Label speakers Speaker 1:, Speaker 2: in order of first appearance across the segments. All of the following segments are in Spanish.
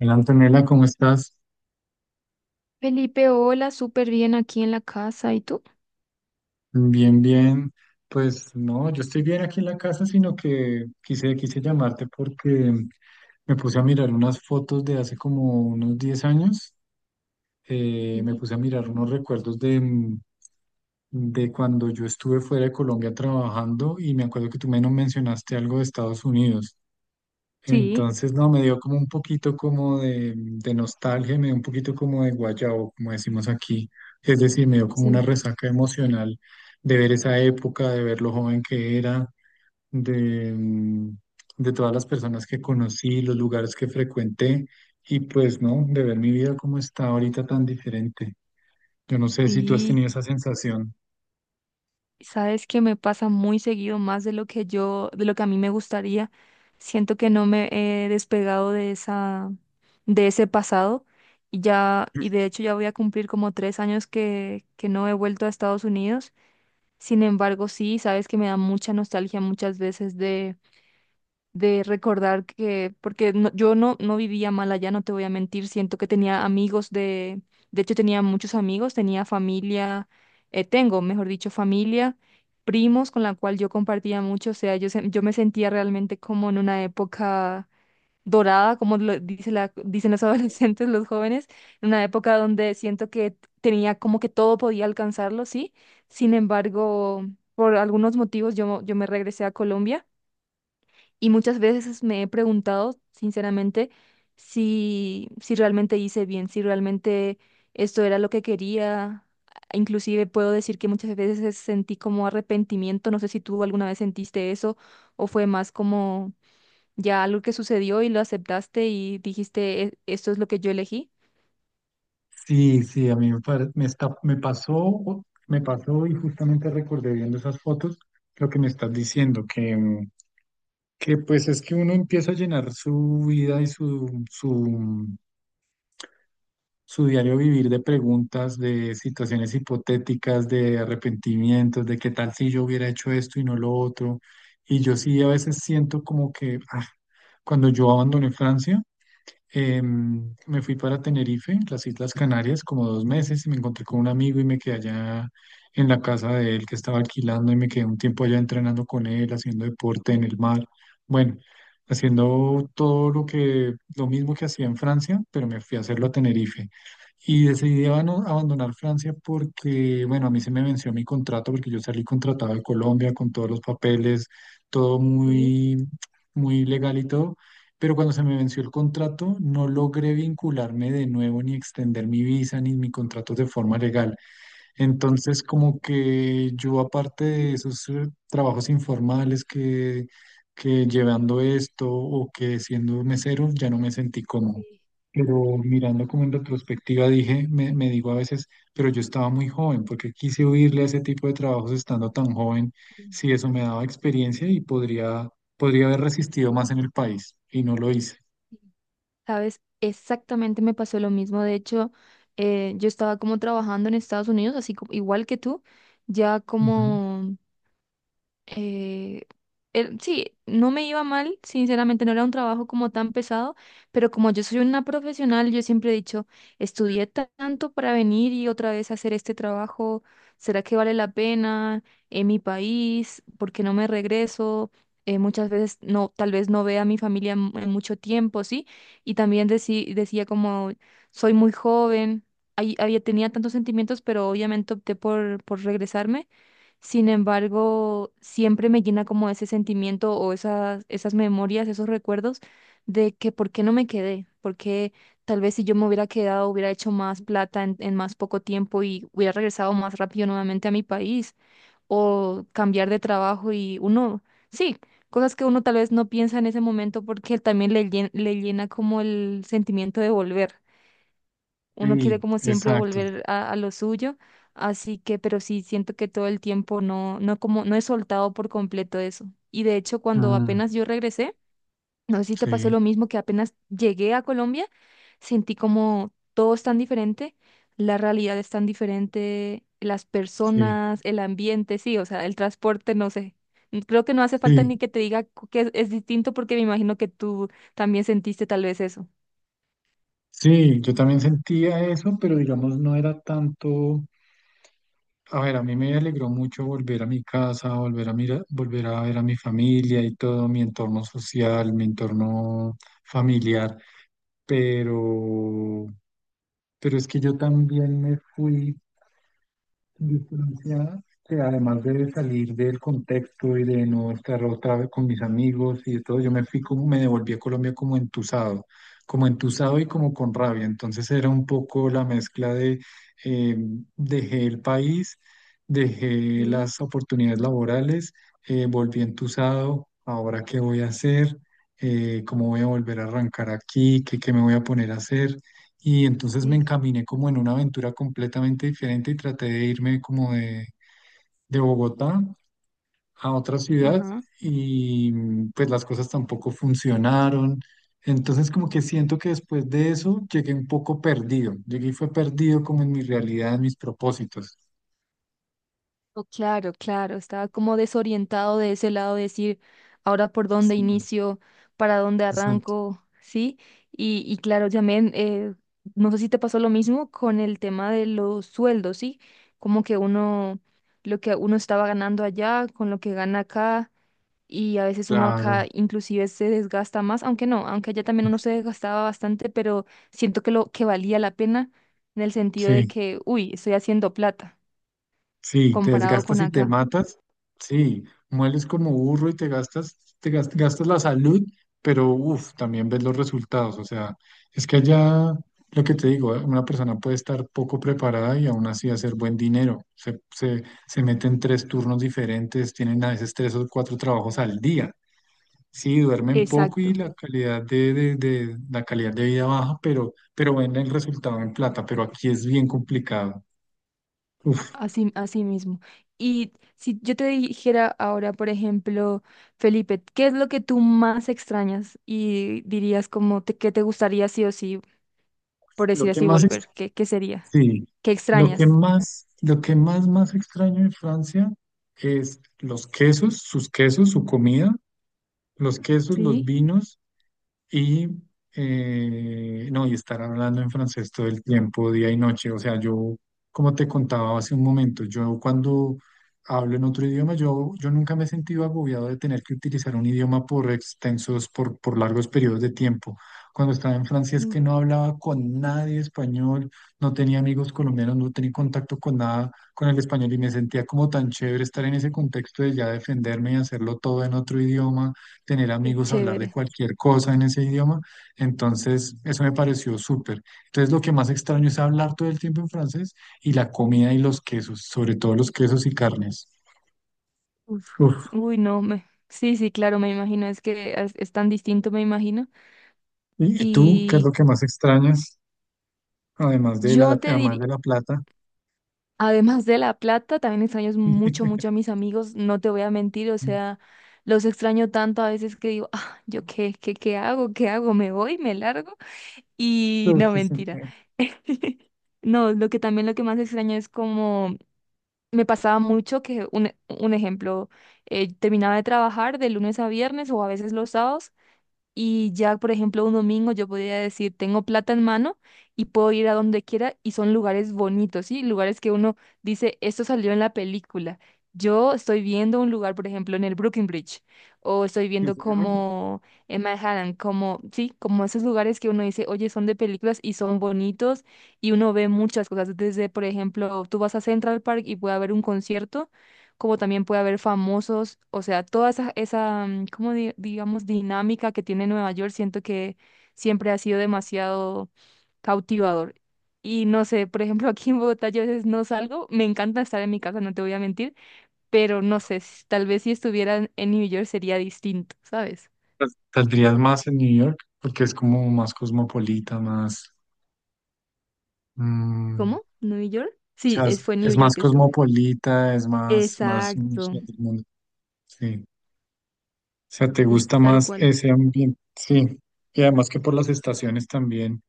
Speaker 1: Hola Antonella, ¿cómo estás?
Speaker 2: Felipe, hola, súper bien aquí en la casa. ¿Y tú?
Speaker 1: Bien, bien. Pues no, yo estoy bien aquí en la casa, sino que quise llamarte porque me puse a mirar unas fotos de hace como unos 10 años. Me
Speaker 2: Sí,
Speaker 1: puse a mirar unos recuerdos de de cuando yo estuve fuera de Colombia trabajando y me acuerdo que tú menos mencionaste algo de Estados Unidos.
Speaker 2: sí,
Speaker 1: Entonces, no, me dio como un poquito como de nostalgia, me dio un poquito como de guayabo, como decimos aquí. Es decir, me dio como una
Speaker 2: sí,
Speaker 1: resaca emocional de ver esa época, de ver lo joven que era, de de todas las personas que conocí, los lugares que frecuenté y pues, no, de ver mi vida como está ahorita tan diferente. Yo no sé si tú has
Speaker 2: sí.
Speaker 1: tenido esa sensación.
Speaker 2: Sabes que me pasa muy seguido más de lo que de lo que a mí me gustaría. Siento que no me he despegado de ese pasado. Y ya, y de hecho ya voy a cumplir como 3 años que no he vuelto a Estados Unidos. Sin embargo, sí, sabes que me da mucha nostalgia muchas veces de recordar porque yo no vivía mal allá, no te voy a mentir, siento que tenía amigos de hecho tenía muchos amigos, tenía familia, tengo, mejor dicho, familia, primos con la cual yo compartía mucho, o sea, yo me sentía realmente como en una época dorada, como lo dice dicen los adolescentes, los jóvenes, en una época donde siento que tenía como que todo podía alcanzarlo, ¿sí? Sin embargo, por algunos motivos yo me regresé a Colombia y muchas veces me he preguntado, sinceramente, si realmente hice bien, si realmente esto era lo que quería. Inclusive puedo decir que muchas veces sentí como arrepentimiento. No sé si tú alguna vez sentiste eso o fue más como ya algo que sucedió y lo aceptaste y dijiste, esto es lo que yo elegí.
Speaker 1: Sí, sí, a mí me pasó y justamente recordé viendo esas fotos lo que me estás diciendo, que que pues es que uno empieza a llenar su vida y su su diario vivir de preguntas, de situaciones hipotéticas, de arrepentimientos, de qué tal si yo hubiera hecho esto y no lo otro. Y yo sí a veces siento como que ah, cuando yo abandoné Francia, me fui para Tenerife, las Islas Canarias, como 2 meses y me encontré con un amigo y me quedé allá en la casa de él que estaba alquilando y me quedé un tiempo allá entrenando con él, haciendo deporte en el mar. Bueno, haciendo todo lo que, lo mismo que hacía en Francia, pero me fui a hacerlo a Tenerife. Y decidí abandonar Francia porque, bueno, a mí se me venció mi contrato porque yo salí contratado de Colombia con todos los papeles, todo
Speaker 2: Sí.
Speaker 1: muy, muy legal y todo, pero cuando se me venció el contrato, no logré vincularme de nuevo ni extender mi visa ni mi contrato de forma legal. Entonces, como que yo, aparte de esos trabajos informales que llevando esto o que siendo mesero, ya no me sentí cómodo.
Speaker 2: Sí,
Speaker 1: Pero mirando como en retrospectiva, dije, me digo a veces, pero yo estaba muy joven, porque quise huirle a ese tipo de trabajos estando tan joven,
Speaker 2: sí.
Speaker 1: si eso me daba experiencia y podría, podría haber resistido más en el país, y no lo hice.
Speaker 2: Sabes, exactamente me pasó lo mismo. De hecho, yo estaba como trabajando en Estados Unidos, así como, igual que tú, ya
Speaker 1: Ujú.
Speaker 2: como eh, sí, no me iba mal, sinceramente no era un trabajo como tan pesado, pero como yo soy una profesional, yo siempre he dicho, estudié tanto para venir y otra vez hacer este trabajo, ¿será que vale la pena en mi país? ¿Por qué no me regreso? Muchas veces no, tal vez no vea a mi familia en mucho tiempo, ¿sí? Y también decía como, soy muy joven, había, tenía tantos sentimientos, pero obviamente opté por regresarme. Sin embargo, siempre me llena como ese sentimiento o esas memorias, esos recuerdos de que por qué no me quedé, porque tal vez si yo me hubiera quedado hubiera hecho más plata en más poco tiempo y hubiera regresado más rápido nuevamente a mi país o cambiar de trabajo y uno, sí, cosas que uno tal vez no piensa en ese momento porque también le llena como el sentimiento de volver uno quiere
Speaker 1: Sí,
Speaker 2: como siempre
Speaker 1: exacto.
Speaker 2: volver a lo suyo, así que, pero sí siento que todo el tiempo no, no como, no he soltado por completo eso. Y de hecho, cuando
Speaker 1: Mm,
Speaker 2: apenas yo regresé, no sé si te pasó
Speaker 1: sí,
Speaker 2: lo mismo, que apenas llegué a Colombia, sentí como todo es tan diferente, la realidad es tan diferente, las
Speaker 1: sí,
Speaker 2: personas, el ambiente, sí, o sea, el transporte, no sé. Creo que no hace falta
Speaker 1: sí.
Speaker 2: ni que te diga que es distinto porque me imagino que tú también sentiste tal vez eso.
Speaker 1: Sí, yo también sentía eso, pero digamos no era tanto, a ver, a mí me alegró mucho volver a mi casa, volver a volver a ver a mi familia y todo, mi entorno social, mi entorno familiar, pero pero es que yo también me fui. Distancia que además de salir del contexto y de no estar otra vez con mis amigos y de todo, yo me fui como, me devolví a Colombia como entusado y como con rabia. Entonces era un poco la mezcla de eh, dejé el país, dejé
Speaker 2: Sí,
Speaker 1: las oportunidades laborales, volví entusado, ahora qué voy a hacer. Cómo voy a volver a arrancar aquí, qué, qué me voy a poner a hacer, y entonces me
Speaker 2: sí,
Speaker 1: encaminé como en una aventura completamente diferente y traté de irme como de Bogotá a otra ciudad
Speaker 2: ajá.
Speaker 1: y mm, pues las cosas tampoco funcionaron. Entonces como que siento que después de eso llegué un poco perdido, llegué y fue perdido como en mi realidad, en mis propósitos.
Speaker 2: Oh, claro, claro, estaba como desorientado de ese lado, de decir, ahora por dónde
Speaker 1: Sí,
Speaker 2: inicio, para dónde
Speaker 1: exacto,
Speaker 2: arranco, ¿sí? Y claro, también, no sé si te pasó lo mismo con el tema de los sueldos, ¿sí? Como que uno, lo que uno estaba ganando allá con lo que gana acá, y a veces uno acá
Speaker 1: claro,
Speaker 2: inclusive se desgasta más, aunque no, aunque allá también uno se desgastaba bastante, pero siento que lo que valía la pena en el sentido de
Speaker 1: sí.
Speaker 2: que, uy, estoy haciendo plata
Speaker 1: Sí, te
Speaker 2: comparado
Speaker 1: desgastas
Speaker 2: con
Speaker 1: y te
Speaker 2: acá.
Speaker 1: matas. Sí, mueles como burro y te gastas, gastas la salud, pero uff, también ves los resultados. O sea, es que allá, lo que te digo, una persona puede estar poco preparada y aún así hacer buen dinero. Se meten 3 turnos diferentes, tienen a veces 3 o 4 trabajos al día. Sí, duermen poco
Speaker 2: Exacto,
Speaker 1: y la calidad la calidad de vida baja, pero ven el resultado en plata. Pero aquí es bien complicado. Uf,
Speaker 2: así, así mismo. Y si yo te dijera ahora, por ejemplo, Felipe, ¿qué es lo que tú más extrañas y dirías como que te gustaría sí o sí, por
Speaker 1: lo
Speaker 2: decir
Speaker 1: que
Speaker 2: así,
Speaker 1: más.
Speaker 2: volver? ¿Qué sería?
Speaker 1: Sí,
Speaker 2: ¿Qué extrañas?
Speaker 1: lo que más, más extraño en Francia es los quesos, sus quesos, su comida, los quesos, los
Speaker 2: Sí,
Speaker 1: vinos. Y no, y estar hablando en francés todo el tiempo, día y noche. O sea, yo, como te contaba hace un momento, yo cuando hablo en otro idioma, yo nunca me he sentido agobiado de tener que utilizar un idioma por extensos, por largos periodos de tiempo. Cuando estaba en Francia es que
Speaker 2: uf,
Speaker 1: no hablaba con nadie español, no tenía amigos colombianos, no tenía contacto con nada con el español y me sentía como tan chévere estar en ese contexto de ya defenderme y hacerlo todo en otro idioma, tener
Speaker 2: qué
Speaker 1: amigos, hablar de
Speaker 2: chévere.
Speaker 1: cualquier cosa en ese idioma. Entonces, eso me pareció súper. Entonces, lo que más extraño es hablar todo el tiempo en francés y la comida y los quesos, sobre todo los quesos y carnes.
Speaker 2: Uf.
Speaker 1: Uf.
Speaker 2: Uy, no, sí, sí, claro, me imagino, es que es tan distinto, me imagino.
Speaker 1: Y tú qué es
Speaker 2: Y
Speaker 1: lo que más extrañas,
Speaker 2: yo te
Speaker 1: además
Speaker 2: diría.
Speaker 1: de la plata?
Speaker 2: Además de la plata, también extraño mucho, mucho a mis amigos, no te voy a mentir, o sea, los extraño tanto a veces que digo, ah, ¿yo qué hago? ¿Qué hago? ¿Me voy? ¿Me largo? Y
Speaker 1: Uf,
Speaker 2: no,
Speaker 1: sí, sí,
Speaker 2: mentira. No, lo que también lo que más extraño es como me pasaba mucho que un ejemplo, terminaba de trabajar de lunes a viernes o a veces los sábados y ya, por ejemplo, un domingo yo podría decir, tengo plata en mano y puedo ir a donde quiera y son lugares bonitos, ¿sí? Lugares que uno dice, esto salió en la película. Yo estoy viendo un lugar, por ejemplo, en el Brooklyn Bridge o estoy
Speaker 1: sí,
Speaker 2: viendo
Speaker 1: sí, ¿no?
Speaker 2: como en Manhattan, como, sí, como esos lugares que uno dice, oye, son de películas y son bonitos y uno ve muchas cosas. Desde, por ejemplo, tú vas a Central Park y puede haber un concierto como también puede haber famosos, o sea, toda esa, como digamos, dinámica que tiene Nueva York, siento que siempre ha sido demasiado cautivador. Y no sé, por ejemplo, aquí en Bogotá yo a veces no salgo, me encanta estar en mi casa, no te voy a mentir, pero no sé, tal vez si estuviera en New York sería distinto, ¿sabes?
Speaker 1: Pues, saldrías más en New York porque es como más cosmopolita, más... mm,
Speaker 2: ¿Cómo?
Speaker 1: o
Speaker 2: ¿New York? Sí,
Speaker 1: sea,
Speaker 2: fue en New
Speaker 1: es
Speaker 2: York
Speaker 1: más
Speaker 2: que estuve.
Speaker 1: cosmopolita, es más, más, mm,
Speaker 2: Exacto,
Speaker 1: sí, del mundo. Sí. O sea, te
Speaker 2: y
Speaker 1: gusta
Speaker 2: tal
Speaker 1: más
Speaker 2: cual.
Speaker 1: ese ambiente, sí. Y además que por las estaciones también,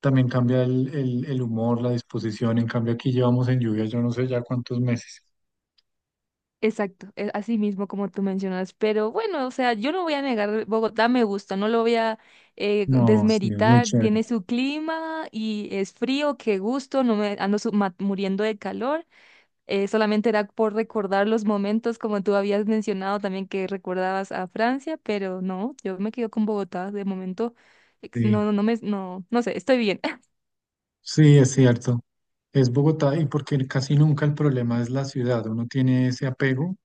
Speaker 1: también cambia el humor, la disposición. En cambio, aquí llevamos en lluvia, yo no sé ya cuántos meses.
Speaker 2: Exacto, así mismo como tú mencionas, pero bueno, o sea, yo no voy a negar, Bogotá me gusta, no lo voy a
Speaker 1: No, sí, es muy
Speaker 2: desmeritar, tiene
Speaker 1: chévere.
Speaker 2: su clima y es frío, qué gusto, no me ando muriendo de calor, solamente era por recordar los momentos como tú habías mencionado también que recordabas a Francia, pero no, yo me quedo con Bogotá de momento, no,
Speaker 1: Sí,
Speaker 2: no, no me, no, no sé, estoy bien.
Speaker 1: sí, es cierto. Es Bogotá y porque casi nunca el problema es la ciudad. Uno tiene ese apego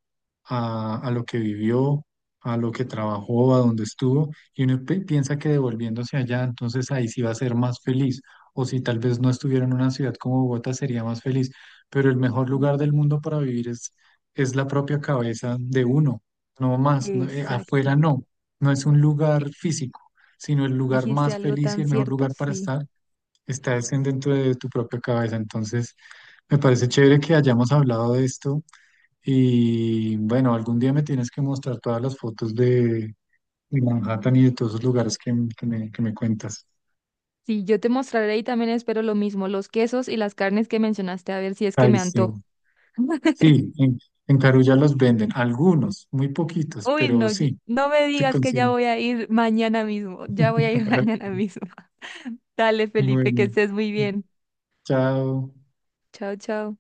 Speaker 1: a lo que vivió, a lo que trabajó, a donde estuvo, y uno piensa que devolviéndose allá, entonces ahí sí va a ser más feliz, o si tal vez no estuviera en una ciudad como Bogotá, sería más feliz, pero el mejor lugar del mundo para vivir es la propia cabeza de uno, no más, no- afuera
Speaker 2: Exacto.
Speaker 1: no, no es un
Speaker 2: Eh,
Speaker 1: lugar físico, sino el lugar
Speaker 2: Dijiste
Speaker 1: más
Speaker 2: algo
Speaker 1: feliz y
Speaker 2: tan
Speaker 1: el mejor
Speaker 2: cierto,
Speaker 1: lugar para
Speaker 2: sí.
Speaker 1: estar. Está es en dentro de tu propia cabeza. Entonces, me parece chévere que hayamos hablado de esto y bueno, algún día me tienes que mostrar todas las fotos de Manhattan y de todos esos lugares que me cuentas.
Speaker 2: Sí, yo te mostraré y también espero lo mismo, los quesos y las carnes que mencionaste, a ver si es que
Speaker 1: Ay,
Speaker 2: me antojo.
Speaker 1: sí. Sí, en Carulla los venden, algunos, muy poquitos,
Speaker 2: Uy,
Speaker 1: pero
Speaker 2: no,
Speaker 1: sí,
Speaker 2: no me
Speaker 1: se
Speaker 2: digas que ya
Speaker 1: consiguen.
Speaker 2: voy a ir mañana mismo, ya voy a ir mañana mismo. Dale, Felipe, que
Speaker 1: Bueno,
Speaker 2: estés muy bien.
Speaker 1: chao.
Speaker 2: Chao, chao.